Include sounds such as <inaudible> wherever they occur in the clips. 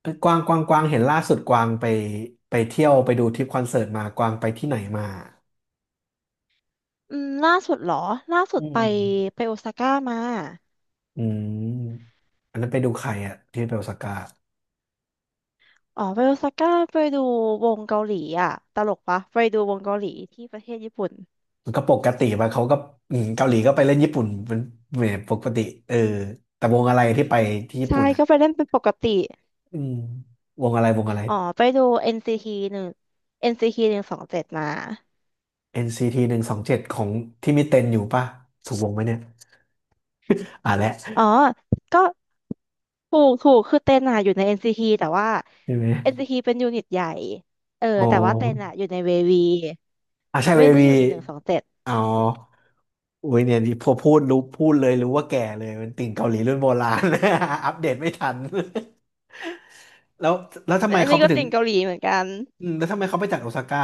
เอ้ยกวางเห็นล่าสุดกวางไปเที่ยวไปดูทริปคอนเสิร์ตมากวางไปที่ไหนมาล่าสุดเหรอล่าสุอืดมไปโอซาก้ามาอืมอันนั้นไปดูใครอะที่ไปโอซาก้าอ๋อไปโอซาก้าไปดูวงเกาหลีอ่ะตลกปะไปดูวงเกาหลีที่ประเทศญี่ปุ่นมันก็ปกติไปะเขาก็อืมเกาหลีก็ไปเล่นญี่ปุ่นเป็นเหมือนปกติเออแต่วงอะไรที่ไปที่ญี่ใช่ปุ่นอะก็ไปเล่นเป็นปกติอืมวงอะไร อ๋อไปดู NCT หนึ่ง NCT หนึ่งสองเจ็ดมา NCT 127ของที่มีเต็นอยู่ป่ะถูกวงไหมเนี่ยอ่ะแหอ๋ละอก็ถูกคือเต้นอ่ะอยู่ใน NCT แต่ว่า ใช่ไหม NCT เป็นยูนิตใหญ่เอออ๋อแต่ว่าเต้นอ่ะอยู่ในเววีอ่ะใช่เวไม่ได้วีอยู่ในหนึ่งสองเจ็ดอ๋อ อุ้ยเนี่ยนี่พอพูดรู้พูดเลยรู้ว่าแก่เลยเป็นติ่งเกาหลีรุ่นโบราณ <laughs> อัปเดตไม่ทัน <laughs> แล้วแล้วทำแต่ไมอันเขานี้ไปก็ถึงติ่งเกาหลีเหมือนกัน อืมแล้วทำไมเขาไปจากโอซาก้า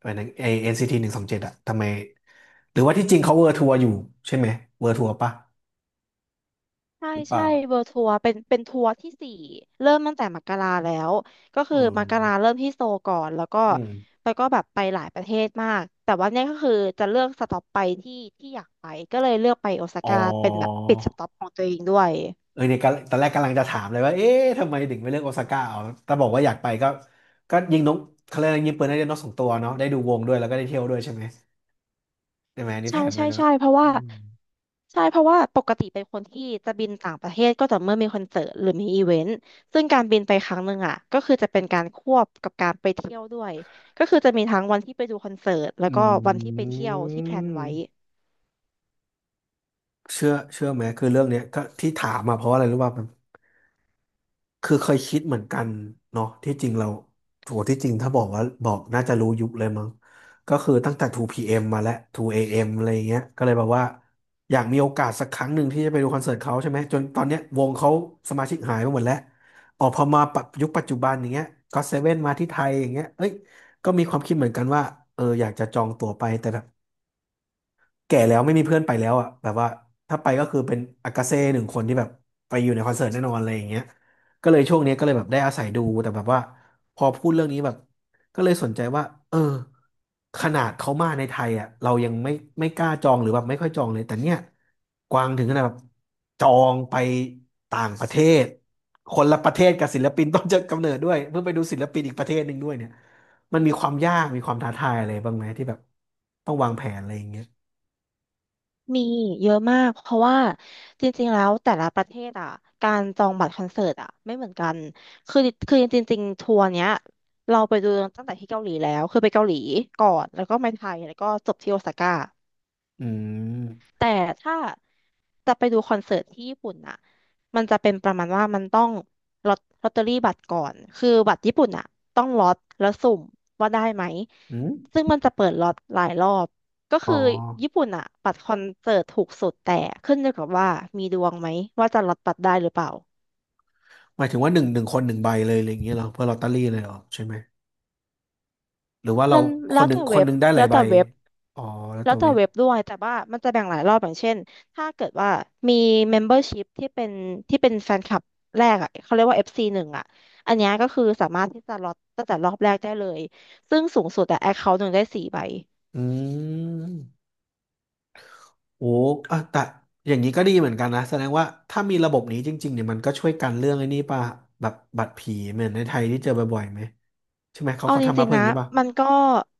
ไปหนไอเอ็นซีทีหนึ่งสองเจ็ดอะทำไมหรือว่าที่จริงเขาเวอร์ทัวร์อยู่ใช่ไหมเวอร์ทัวร์ปะใช่หรือเปใช่ล่าเวิลด์ทัวร์เป็นทัวร์ที่สี่เริ่มตั้งแต่มกราแล้วก็อืคือมกราเริ่มมที่โซลก่อนแล้วก็อืมแล้วก็แบบไปหลายประเทศมากแต่ว่าเนี่ยก็คือจะเลือกสต็อปไปที่ที่อยากไปก็เลยเลือกไปโอซาอ๋อก้าเป็นแบบปิดสต็อปของตัวเองด้วย เออเนี่ยกำตอนแรกกำลังจะถามเลยว่าเอ๊ะทำไมถึงไม่เลือกโอซาก้าเอาแต่บอกว่าอยากไปก็ก็ยิงนกเขาเรียกอะไรยิงปืนได้นกสองตัวเนาะได้ดูวงด้วยแล้วก็ได้เที่ยวด้วยใช่ไหมใช่ไหมอันนี่ใช่แผนไปใช่แล้วใช่อะเพราะอืว่าม ใช่เพราะว่าปกติเป็นคนที่จะบินต่างประเทศก็ต่อเมื่อมีคอนเสิร์ตหรือมีอีเวนต์ซึ่งการบินไปครั้งหนึ่งอ่ะก็คือจะเป็นการควบกับการไปเที่ยวด้วยก็คือจะมีทั้งวันที่ไปดูคอนเสิร์ตแล้วอืก็วันที่ไปเที่ยวที่แพลนไว้มเชื่อไหมคือเรื่องเนี้ยก็ที่ถามมาเพราะอะไรรู้ป่ะมันคือเคยคิดเหมือนกันเนาะที่จริงเราโหที่จริงถ้าบอกน่าจะรู้ยุคเลยมั้งก็คือตั้งแต่ 2PM มมาแล้ว 2AM อเอ็มอะไรอย่างเงี้ยก็เลยแบบว่าอยากมีโอกาสสักครั้งหนึ่งที่จะไปดูคอนเสิร์ตเขาใช่ไหมจนตอนเนี้ยวงเขาสมาชิกหายไปหมดแล้วออกพอมาปรับยุคปัจจุบันอย่างเงี้ยก็เซเว่นมาที่ไทยอย่างเงี้ยเอ้ยก็มีความคิดเหมือนกันว่าเอออยากจะจองตั๋วไปแต่ แก่แล้วไม่มีเพื่อนไปแล้วอ่ะแบบว่าถ้าไปก็คือเป็นอากาเซ่หนึ่งคนที่แบบไปอยู่ในคอนเสิร์ตแน่นอนอะไรอย่างเงี้ยก็เลยช่วงนี้ก็เลยแบบได้อาศัยดูแต่แบบว่าพอพูดเรื่องนี้แบบก็เลยสนใจว่าเออขนาดเขามาในไทยอ่ะเรายังไม่ไม่กล้าจองหรือแบบไม่ค่อยจองเลยแต่เนี่ยกวางถึงขนาดแบบจองไปต่างประเทศคนละประเทศกับศิลปินต้นจะกำเนิดด้วยเพื่อไปดูศิลปินอีกประเทศหนึ่งด้วยเนี่ยมันมีความยากมีความท้าทายอะไรบ้างไหมที่แบบต้องวางแผนอะไรอย่างเงี้ย มีเยอะมากเพราะว่าจริงๆแล้วแต่ละประเทศอ่ะการจองบัตรคอนเสิร์ตอ่ะไม่เหมือนกันคือคือจริงๆทัวร์เนี้ยเราไปดูตั้งแต่ที่เกาหลีแล้วคือไปเกาหลีก่อนแล้วก็มาไทยแล้วก็จบที่โอซาก้า อืมแต่ถ้าจะไปดูคอนเสิร์ตที่ญี่ปุ่นน่ะมันจะเป็นประมาณว่ามันต้องลอตเตอรี่บัตรก่อน คือบัตรญี่ปุ่นน่ะต้องล็อตแล้วสุ่มว่าได้ไหม อืมซึ่งมันจะเปิดล็อตหลายรอบก็อ๋อคือญี่ปุ่นน่ะบัตรคอนเสิร์ตถูกสุดแต่ขึ้นอยู่กับว่ามีดวงไหมว่าจะล็อตบัตรได้หรือเปล่าหมายถึงว่าหนึ่งคนหนึ่งใบเลยอะไรอย่างเงี้ยเหรอเพื่อลอตเตอรี่เลยเหรอใช่ไหม หรือว่าเรานั้นคแล้นวหนึ่แต่งคเว็นหบนึ่งได้หลาแล้ยวใบแต่เว็บ อ๋อแล้วแล้แต่วแต่เว็บเว็บด้วยแต่ว่ามันจะแบ่งหลายรอบอย่างเช่นถ้าเกิดว่ามี membership ที่เป็นแฟนคลับแรกอ่ะเขาเรียกว่า FC หนึ่งอ่ะอันเนี้ยก็คือสามารถที่จะล็อตตั้งแต่รอบแรกได้เลยซึ่งสูงสุดอะ account หนึ่งได้สี่ใบ อืมโอ้อ่ะแต่อย่างนี้ก็ดีเหมือนกันนะแสดงว่าถ้ามีระบบนี้จริงๆเนี่ยมันก็ช่วยกันเรื่องไอ้นี่ป่ะแบบบัตรผีเหมือนในไทยที่เจอบ่อยๆไหม ใช่ไหมเขาเอาเขาจทำมาริงเพื่อๆอนะย่างนี้ป่ะมันก็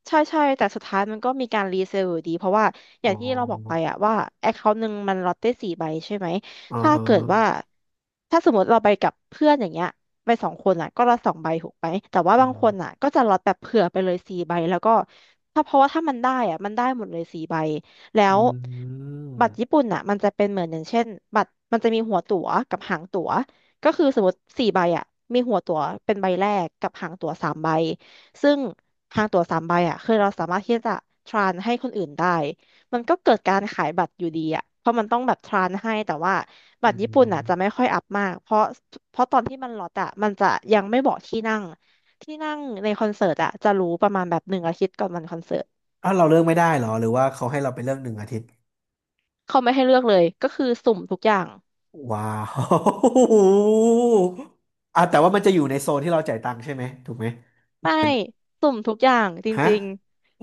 ใช่ใช่แต่สุดท้ายมันก็มีการรีเซลอยู่ดีเพราะว่าออ๋ย่างที่เราบอกไปออะว่าแอคเคาท์หนึ่งมันล็อตได้สี่ใบใช่ไหมอ๋อถ้าฮะเกิดว่าถ้าสมมติเราไปกับเพื่อนอย่างเงี้ยไปสองคนอะก็ละสองใบถูกไหมแต่ว่าอืบางคนมอะก็จะล็อตแบบเผื่อไปเลยสี่ใบแล้วก็เพราะว่าถ้ามันได้อะมันได้หมดเลยสี่ใบแล้อืวบัตรญี่มปุ่นอะมันจะเป็นเหมือนอย่างเช่นบัตรมันจะมีหัวตั๋วกับหางตั๋วก็คือสมมติสี่ใบอะมีหัวตั๋วเป็นใบแรกกับหางตั๋วสามใบ ซึ่งทางตั๋วสามใบอ่ะคือเราสามารถที่จะทรานให้คนอื่นได้ มันก็เกิดการขายบัตรอยู่ดีอ่ะเพราะมันต้องแบบทรานให้แต่ว่าอืบัตรญี่ปุ่นอ่ะจะไม่มค่อยอัพมากเพราะเพราะตอนที่มันล็อตอ่ะมันจะยังไม่บอกที่นั่งที่นั่งในคอนเสิร์ตอ่ะจะรู้ประมาณแบบหนึ่งอาทิตย์ก่อนวันคอนเสิร์ตอ้าวเราเลือกไม่ได้เหรอหรือว่าเขาให้เราไปเลือกหนึ่งอาทิตย์ เขาไม่ให้เลือกเลย ก็คือสุ่มทุกอย่างว้าว <laughs> อ่ะแต่ว่ามันจะอยู่ในโซนที่เราจ่ายตังค์ใช่ไหมถูกไหมไม่มันสุ่มทุกอย่างจฮะริง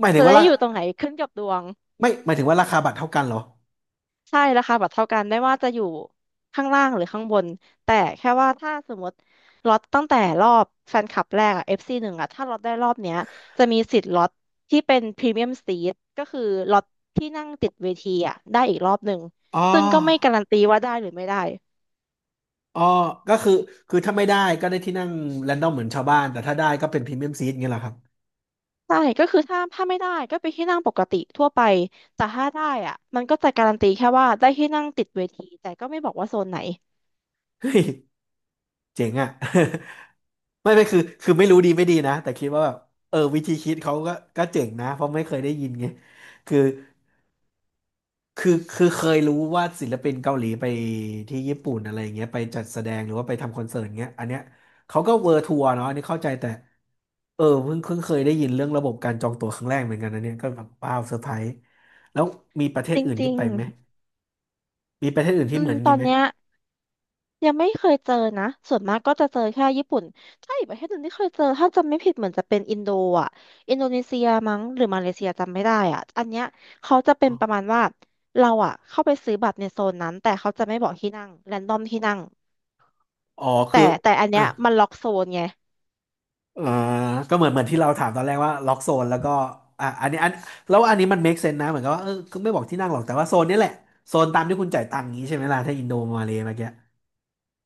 หมายถึจะงว่าได้ราอยู่ตรงไหนขึ้นกับดวง ไม่หมายถึงว่าราคาบัตรเท่ากันเหรอใช่ราคาบัตรเท่ากันได้ว่าจะอยู่ข้างล่างหรือข้างบนแต่แค่ว่าถ้าสมมติล็อตตั้งแต่รอบแฟนคลับแรกอะ FC หนึ่งอะถ้าล็อตได้รอบเนี้ยจะมีสิทธิ์ล็อตที่เป็นพรีเมียมซีทก็คือล็อตที่นั่งติดเวทีอะได้อีกรอบหนึ่งอ๋อซึ่งก็ไม่การันตีว่าได้หรือไม่ได้อ๋อก็คือถ้าไม่ได้ก็ได้ที่นั่งแรนดอมเหมือนชาวบ้านแต่ถ้าได้ก็เป็นพรีเมียมซีทเงี้ยเหรอครับใช่ก็คือถ้าไม่ได้ก็ไปที่นั่งปกติทั่วไปแต่ถ้าได้อะมันก็จะการันตีแค่ว่าได้ที่นั่งติดเวทีแต่ก็ไม่บอกว่าโซนไหนเฮ้ยเจ๋งอ่ะ <laughs> ไม่ไม่คือไม่รู้ดีไม่ดีนะแต่คิดว่าแบบเออวิธีคิดเขาก็ก็เจ๋งนะเพราะไม่เคยได้ยินไงคือ คือเคยรู้ว่าศิลปินเกาหลีไปที่ญี่ปุ่นอะไรอย่างเงี้ยไปจัดแสดงหรือว่าไปทำคอนเสิร์ตเงี้ยอันเนี้ยเขาก็เวอร์ทัวร์เนาะอันนี้เข้าใจแต่เออเพิ่งเคยได้ยินเรื่องระบบการจองตั๋วครั้งแรกเหมือนกันนะเนี่ยก็แบบว้าวเซอร์ไพรส์แล้วมีประเทศจอื่นที่ริงไปไหมมีประเทศอื่นๆที่เหมือนตองี้นไหมเนี้ย ยังไม่เคยเจอนะ ส่วนมากก็จะเจอแค่ญี่ปุ่นถ้าอีกประเทศหนึ่งที่เคยเจอถ้าจำไม่ผิดเหมือนจะเป็นอินโดอ่ะอินโดนีเซียมั้งหรือมาเลเซียจำไม่ได้อ่ะอันเนี้ยเขาจะเป็อ๋นอประมาณว่าเราอ่ะเข้าไปซื้อบัตรในโซนนั้นแต่เขาจะไม่บอกที่นั่งแรนดอมที่นั่งอ๋อแต่คือแต่อันอ่ะเนี้ยมันล็อกโซนไงเอ่อก็เหมือนที่เราถามตอนแรกว่าล็อกโซนแล้วก็อ่ะอันนี้อันแล้วอันนี้มัน make sense นะเหมือนกับว่าเออก็ไม่บอกที่นั่งหรอกแต่ว่าโซนนี้แหละโซนตามที่คุณจ่ายตังค์นี้ใช่ไหมล่ะถ้าอินโดมาเลย์เมื่อกี้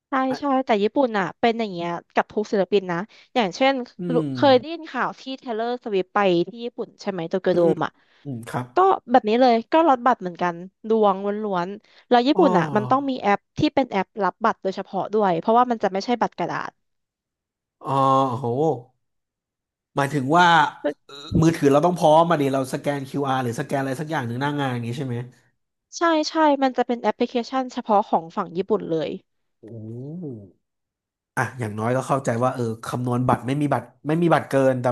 ใช่ใช่แต่ญี่ปุ่นอ่ะเป็นอย่างเงี้ยกับทุกศิลปินนะอย่างเช่นอืรู้มเคยได้ยินข่าวที่เทเลอร์สวิฟไปที่ญี่ปุ่นใช่ไหมโตเกียวโดมอ่ะ อืมครับก็แบบนี้เลยก็ลดบัตรเหมือนกันดวงล้วนๆแล้วญี่อ๋อปุ่นอ่ะมันต้องมีแอปที่เป็นแอปรับบัตรโดยเฉพาะด้วยเพราะว่ามันจะไม่ใช่บัตรกระดาษอ๋อโหหมายถึงว่าเอ่อมือถือเราต้องพร้อมมาดิเราสแกน QR หรือสแกนอะไรสักอย่างหนึ่งหน้างานอย่างนี้ใช่ไหมใช่ใช่มันจะเป็นแอปพลิเคชันเฉพาะของฝั่งญี่ปุ่นเลยโอ้อ่ะอย่างน้อยก็เข้าใจว่าเออคำนวณบัตรไม่มีบัตรเกินแต่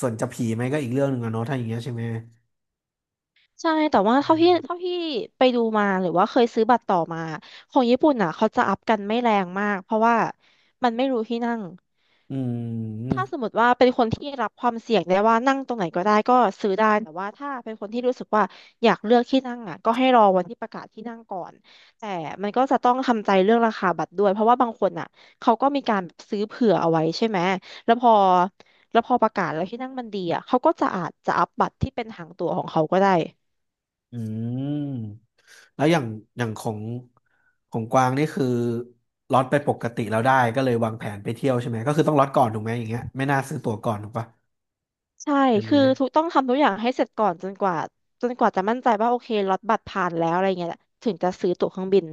ส่วนจะผีไหมก็อีกเรื่องหนึ่งอะเนาะถ้าอย่างเงี้ยใช่ไหมใช่แต่ว่าเท่าที่ไปดูมาหรือว่าเคยซื้อบัตรต่อมาของญี่ปุ่นอ่ะเขาจะอัพกันไม่แรงมากเพราะว่ามันไม่รู้ที่นั่ง อืมอืมถ้าสมมติว่าเป็นคนที่รับความเสี่ยงได้ว่านั่งตรงไหนก็ได้ก็ซื้อได้แต่ว่าถ้าเป็นคนที่รู้สึกว่าอยากเลือกที่นั่งอ่ะก็ให้รอวันที่ประกาศที่นั่งก่อนแต่มันก็จะต้องทำใจเรื่องราคาบัตรด้วยเพราะว่าบางคนอ่ะเขาก็มีการซื้อเผื่อเอาไว้ใช่ไหมแล้วพอแล้วพอประกาศแล้วที่นั่งมันดีอ่ะเขาก็จะอาจจะอัพบัตรที่เป็นหางตั๋วของเขาก็ได้อืมแล้วอย่างของกวางนี่คือล็อตไปปกติแล้วได้ก็เลยวางแผนไปเที่ยวใช่ไหมก็คือต้องล็อตก่อนถูกไหมอย่างเงี้ยไม่น่าซื้อตั๋วก่อนถูกปะ ใช่ใช่ไหมคือทุกต้องทำทุกอย่างให้เสร็จก่อนจนกว่าจะมั่นใจว่าโอเคล็อตบัตรผ่านแล้วอะไรเงี้ยถึงจะซื้อตั๋วเครื่องบิน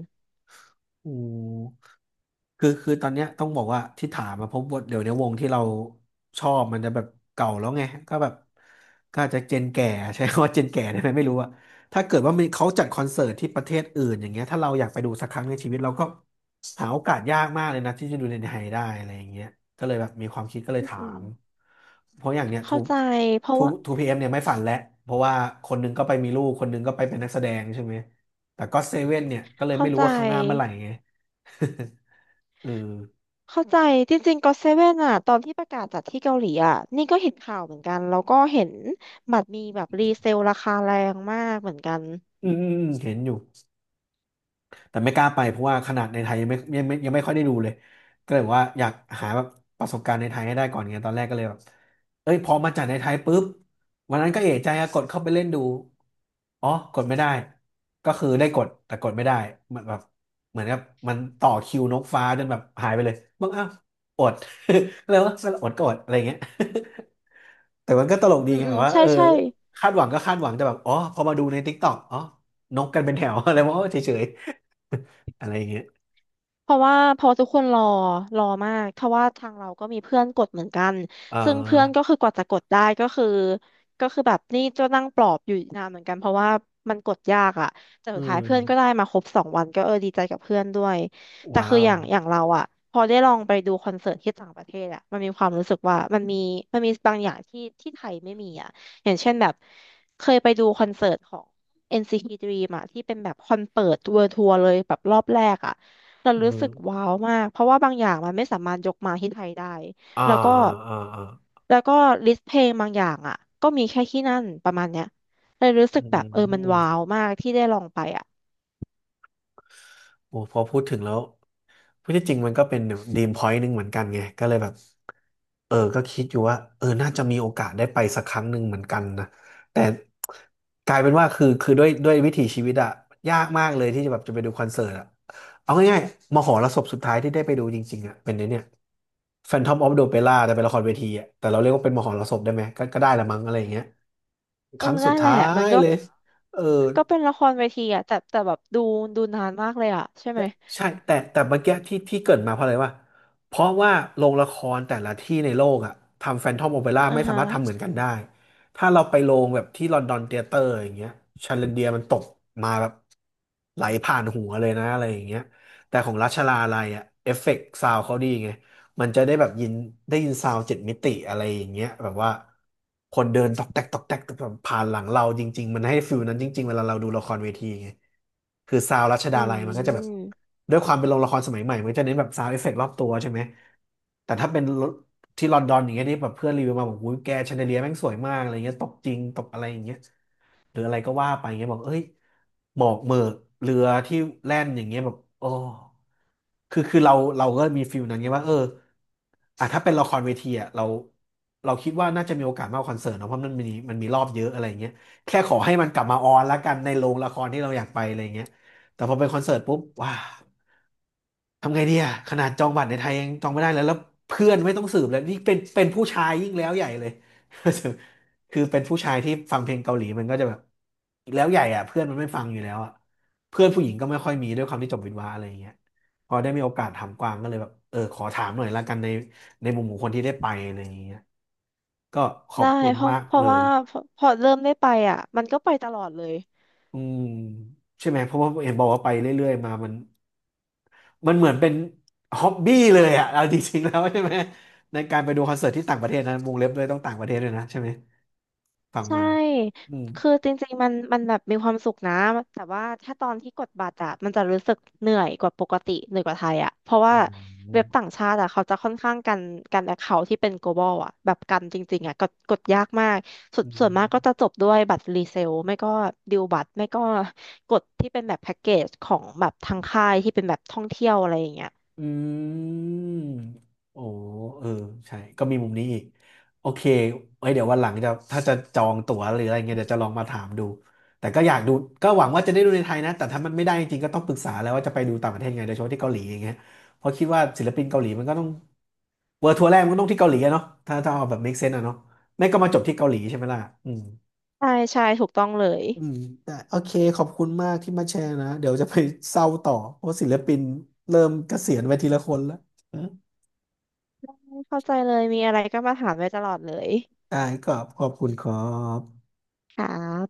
อืมคือตอนเนี้ยต้องบอกว่าที่ถามมาเพบว่าเดี๋ยวเนี้ยวงที่เราชอบมันจะแบบเก่าแล้วไงก็แบบก็อาจจะเจนแก่ <laughs> ใช้คำว่าเจนแก่ได้ไหมไม่รู้อะถ้าเกิดว่ามีเขาจัดคอนเสิร์ตที่ประเทศอื่นอย่างเงี้ยถ้าเราอยากไปดูสักครั้งในชีวิตเราก็หาโอกาสยากมากเลยนะที่จะดูในไทยได้อะไรอย่างเงี้ยก็เลยแบบมีความคิดก็เลยอืมถาอืมมเพราะอย่างเนี้ยเข้าใจเพราะว่า ทูพีเอ็มเนี่ยไม่ฝันแล้วเพราะว่าคนหนึงก็ไปมีลูกคนหนึงก็ไปเป็นนักแสดงใช่ไหม แต่ก็เซเว่นเนี่ยก็เลยเข้าไม่รู้ใจว่าข้างหน้าเมื่อไหร่ไง <laughs> เออเข้าใจ จริงๆก็เซเว่นอ่ะตอนที่ประกาศจัดที่เกาหลีอ่ะนี่ก็เห็นข่าวเหมือนกัน แล้วก็เห็นบัตรมีแบบรีเซลราคาแรงมากเหมือนกันอืมอืมอืมเห็นอยู่ แต่ไม่กล้าไปเพราะว่าขนาดในไทยยังไม่ค่อยได้ดูเลยก็เลยบอกว่าอยากหาแบบประสบการณ์ในไทยให้ได้ก่อนไงตอนแรกก็เลยแบบเอ้ยพอมาจากในไทยปุ๊บวันนั้นก็เอะใจอะกดเข้าไปเล่นดูอ๋อกดไม่ได้ก็คือได้กดแต่กดไม่ได้เหมือนแบบเหมือนกับมันต่อคิวนกฟ้าจนแบบหายไปเลยบอกอ้าวอด <laughs> ก็เลยว่าอดก็อดอะไรอย่างเงี้ย <laughs> แต่มันก็ตลกดีอืมไงอืแบมบว่าใช่เออใช่ คาดหวังก็คาดหวังแต่แบบอ๋อพอมาดูใน t ิ k ตอกอ๋อนกกันเป็นแถว <laughs> อะไรวะเฉย <laughs> อะไรอย่างเงี้ยเพราะว่าพอทุกคนรอมากเพราะว่าทางเราก็มีเพื่อนกดเหมือนกันเอซึ่งเพื่อนก็่คือกว่าจะกดได้ก็คือแบบนี่จะนั่งปลอบอยู่นานเหมือนกันเพราะว่ามันกดยากอะแต่อืสุดมท้ายเพื่อนก็ได้มาครบสองวันก็เออดีใจกับเพื่อนด้วยแต่ว้าคืออวย่างอย่างเราอะพอได้ลองไปดูคอนเสิร์ตที่ต่างประเทศอะมันมีความรู้สึกว่ามันมีบางอย่างที่ที่ไทยไม่มีอะอย่างเช่นแบบเคยไปดูคอนเสิร์ตของ NCT Dream อะที่เป็นแบบคอนเปิดเวิลด์ทัวร์เลยแบบรอบแรกอะ เราอืรู้สึกมว้าวมากเพราะว่าบางอย่างมันไม่สามารถยกมาที่ไทยได้อ่าแล้วก็อ่าอ่าแล้วก็ลิสต์เพลงบางอย่างอ่ะก็มีแค่ที่นั่นประมาณเนี้ยเลยรู้สึอืกแบบเออมันม ว้าวมากที่ได้ลองไปอ่ะโอ้พอพูดถึงแล้วพูดที่จริงมันก็เป็นดีมพอยต์หนึ่งเหมือนกันไงก็เลยแบบเออก็คิดอยู่ว่าเออน่าจะมีโอกาสได้ไปสักครั้งหนึ่งเหมือนกันนะแต่กลายเป็นว่าคือด้วยวิถีชีวิตอะยากมากเลยที่จะแบบจะไปดูคอนเสิร์ตอะเอาง่ายๆมหรสพสุดท้ายที่ได้ไปดูจริงๆอะเป็นไอ้เนี่ย Phantom of the Opera แต่เป็นละครเวทีอะแต่เราเรียกว่าเป็นมหรสพได้ไหมก็ได้ละมั้งอะไรอย่างเงี้ยคเออรั้งสุดนั่นแหท้าละมันยก็เลยเออ ก็เป็นละครเวทีอ่ะแต่แต่แบบดูดูนานมากเลยอ่ะใช่ไหมใช่แต่เมื่อกี้ที่เกริดมาเพราะอะไรวะเพราะว่าโรงละครแต่ละที่ในโลกอะทำแฟนทอมโอเปร่าอ่าไม่สาฮะมารถทำเหมือนกันได้ถ้าเราไปโรงแบบที่ลอนดอนเธียเตอร์อย่างเงี้ยชาเลนเดียมันตกมาแบบไหลผ่านหัวเลยนะอะไรอย่างเงี้ยแต่ของราชาลาลัยอะเอฟเฟกต์ซาวเขาดีไง มันจะได้แบบได้ยินซาวด์เจ็ดมิติอะไรอย่างเงี้ยแบบว่าคนเดินตอกแตกตอกแตกแบบผ่านหลังเราจริงๆมันให้ฟิลนั้นจริงๆเวลาเราดูละครเวทีไงคือซาวด์รัชอืดาลัยมันก็จะแบบมด้วยความเป็นโรงละครสมัยใหม่มันก็จะเน้นแบบซาวด์เอฟเฟกต์รอบตัวใช่ไหมแต่ถ้าเป็นที่ลอนดอนอย่างเงี้ยนี่แบบเพื่อนรีวิวมาบอกอุ้ยแกแชนเดเลียแม่งสวยมากอะไรเงี้ยตกจริงตกอะไรอย่างเงี้ย หรืออะไรก็ว่าไปเงี้ยบอกเอ้ยหมอกเหมือกเรือที่แล่นอย่างเงี้ยแบบโอ้คือเราก็มีฟิลนั้นไงว่าเอออ่ะถ้าเป็นละครเวทีอ่ะเราคิดว่าน่าจะมีโอกาสมากกว่าคอนเสิร์ตเนอะเพราะมันมีรอบเยอะอะไรเงี้ยแค่ขอให้มันกลับมาออนละกันในโรงละครที่เราอยากไปอะไรเงี้ยแต่พอเป็นคอนเสิร์ตปุ๊บว้า ทำไงดีอะขนาดจองบัตรในไทยยังจองไม่ได้เลยแล้วเพื่อนไม่ต้องสืบเลยนี่เป็นผู้ชายยิ่งแล้วใหญ่เลย <laughs> คือเป็นผู้ชายที่ฟังเพลงเกาหลีมันก็จะแบบีแล้วใหญ่อะเพื่อนมันไม่ฟังอยู่แล้วอะเพื่อนผู้หญิงก็ไม่ค่อยมีด้วยความที่จบวิศวะอะไรอย่างเงี้ยพอได้มีโอกาสถามกวางก็เลยแบบเออขอถามหน่อยละกันในในมุมของคนที่ได้ไปอะไรอย่างเงี้ยก็ขอบได้คุณเพราะมากเพเลราะย ว่าพอพอเริ่มได้ไปอ่ะมันก็ไปตลอดเลย อืมใช่ไหมเพราะว่าเห็นบอกว่าไปเรื่อยๆมามันมันเหมือนเป็นฮ็อบบี้เลยอะเอา <laughs> จริงๆแล้วใช่ไหมในการไปดูคอนเสิร์ตที่ต่างประเทศนะวงเล็บเลยต้องต่างประเทศด้วยนะใช่ไหมฟังใช่ มาอืมคือจริงๆ มันมันแบบมีความสุขนะแต่ว่าถ้าตอนที่กดบัตรอะมันจะรู้สึกเหนื่อยกว่าปกติ เหนื่อยกว่าไทยอะเพราะอืว่าเว็บต่ามงชาติอะเขาจะค่อนข้างกัน กันแอคเคาท์ที่เป็น global อะแบบกันจริงๆอะกดยากมากส่วอืนส่ม วนมากก็จะจบด้วยบัตรรีเซลไม่ก็ดิวบัตร ไม่ก็กดที่เป็นแบบแพ็กเกจของแบบทางค่ายที่เป็นแบบท่องเที่ยวอะไรอย่างเงี้ยอืมโอ้เออใช่ก็มีมุมนี้อีก โอเคไว้เดี๋ยววันหลังจะถ้าจะจองตั๋วหรืออะไรเงี้ยเดี๋ยวจะลองมาถามดูแต่ก็อยากดู ก็หวังว่าจะได้ดูในไทยนะ แต่ถ้ามันไม่ได้จริงๆก็ต้องปรึกษาแล้วว่าจะไปดูต่างประเทศไงโดยเฉพาะที่เกาหลีอย่างเงี้ยเพราะคิดว่าศิลปินเกาหลีมันก็ต้องเวิร์ทัวร์แรกมันก็ต้องที่เกาหลีอะเนาะถ้าเอาแบบ make sense อะเนาะไม่ก็มาจบที่เกาหลีใช่ไหมล่ะอืมใช่ใช่ถูกต้องเลยอืมแต่โอเคขอบคุณมากที่มาแชร์นะเดี๋ยวจะไปเศร้าต่อเพราะศิลปินเริ่มเกษียณไปทีละคนแล้ว เข้าใจเลยมีอะไรก็มาถามได้ตลอดเลยได้ก็ขอบคุณครับค่ะ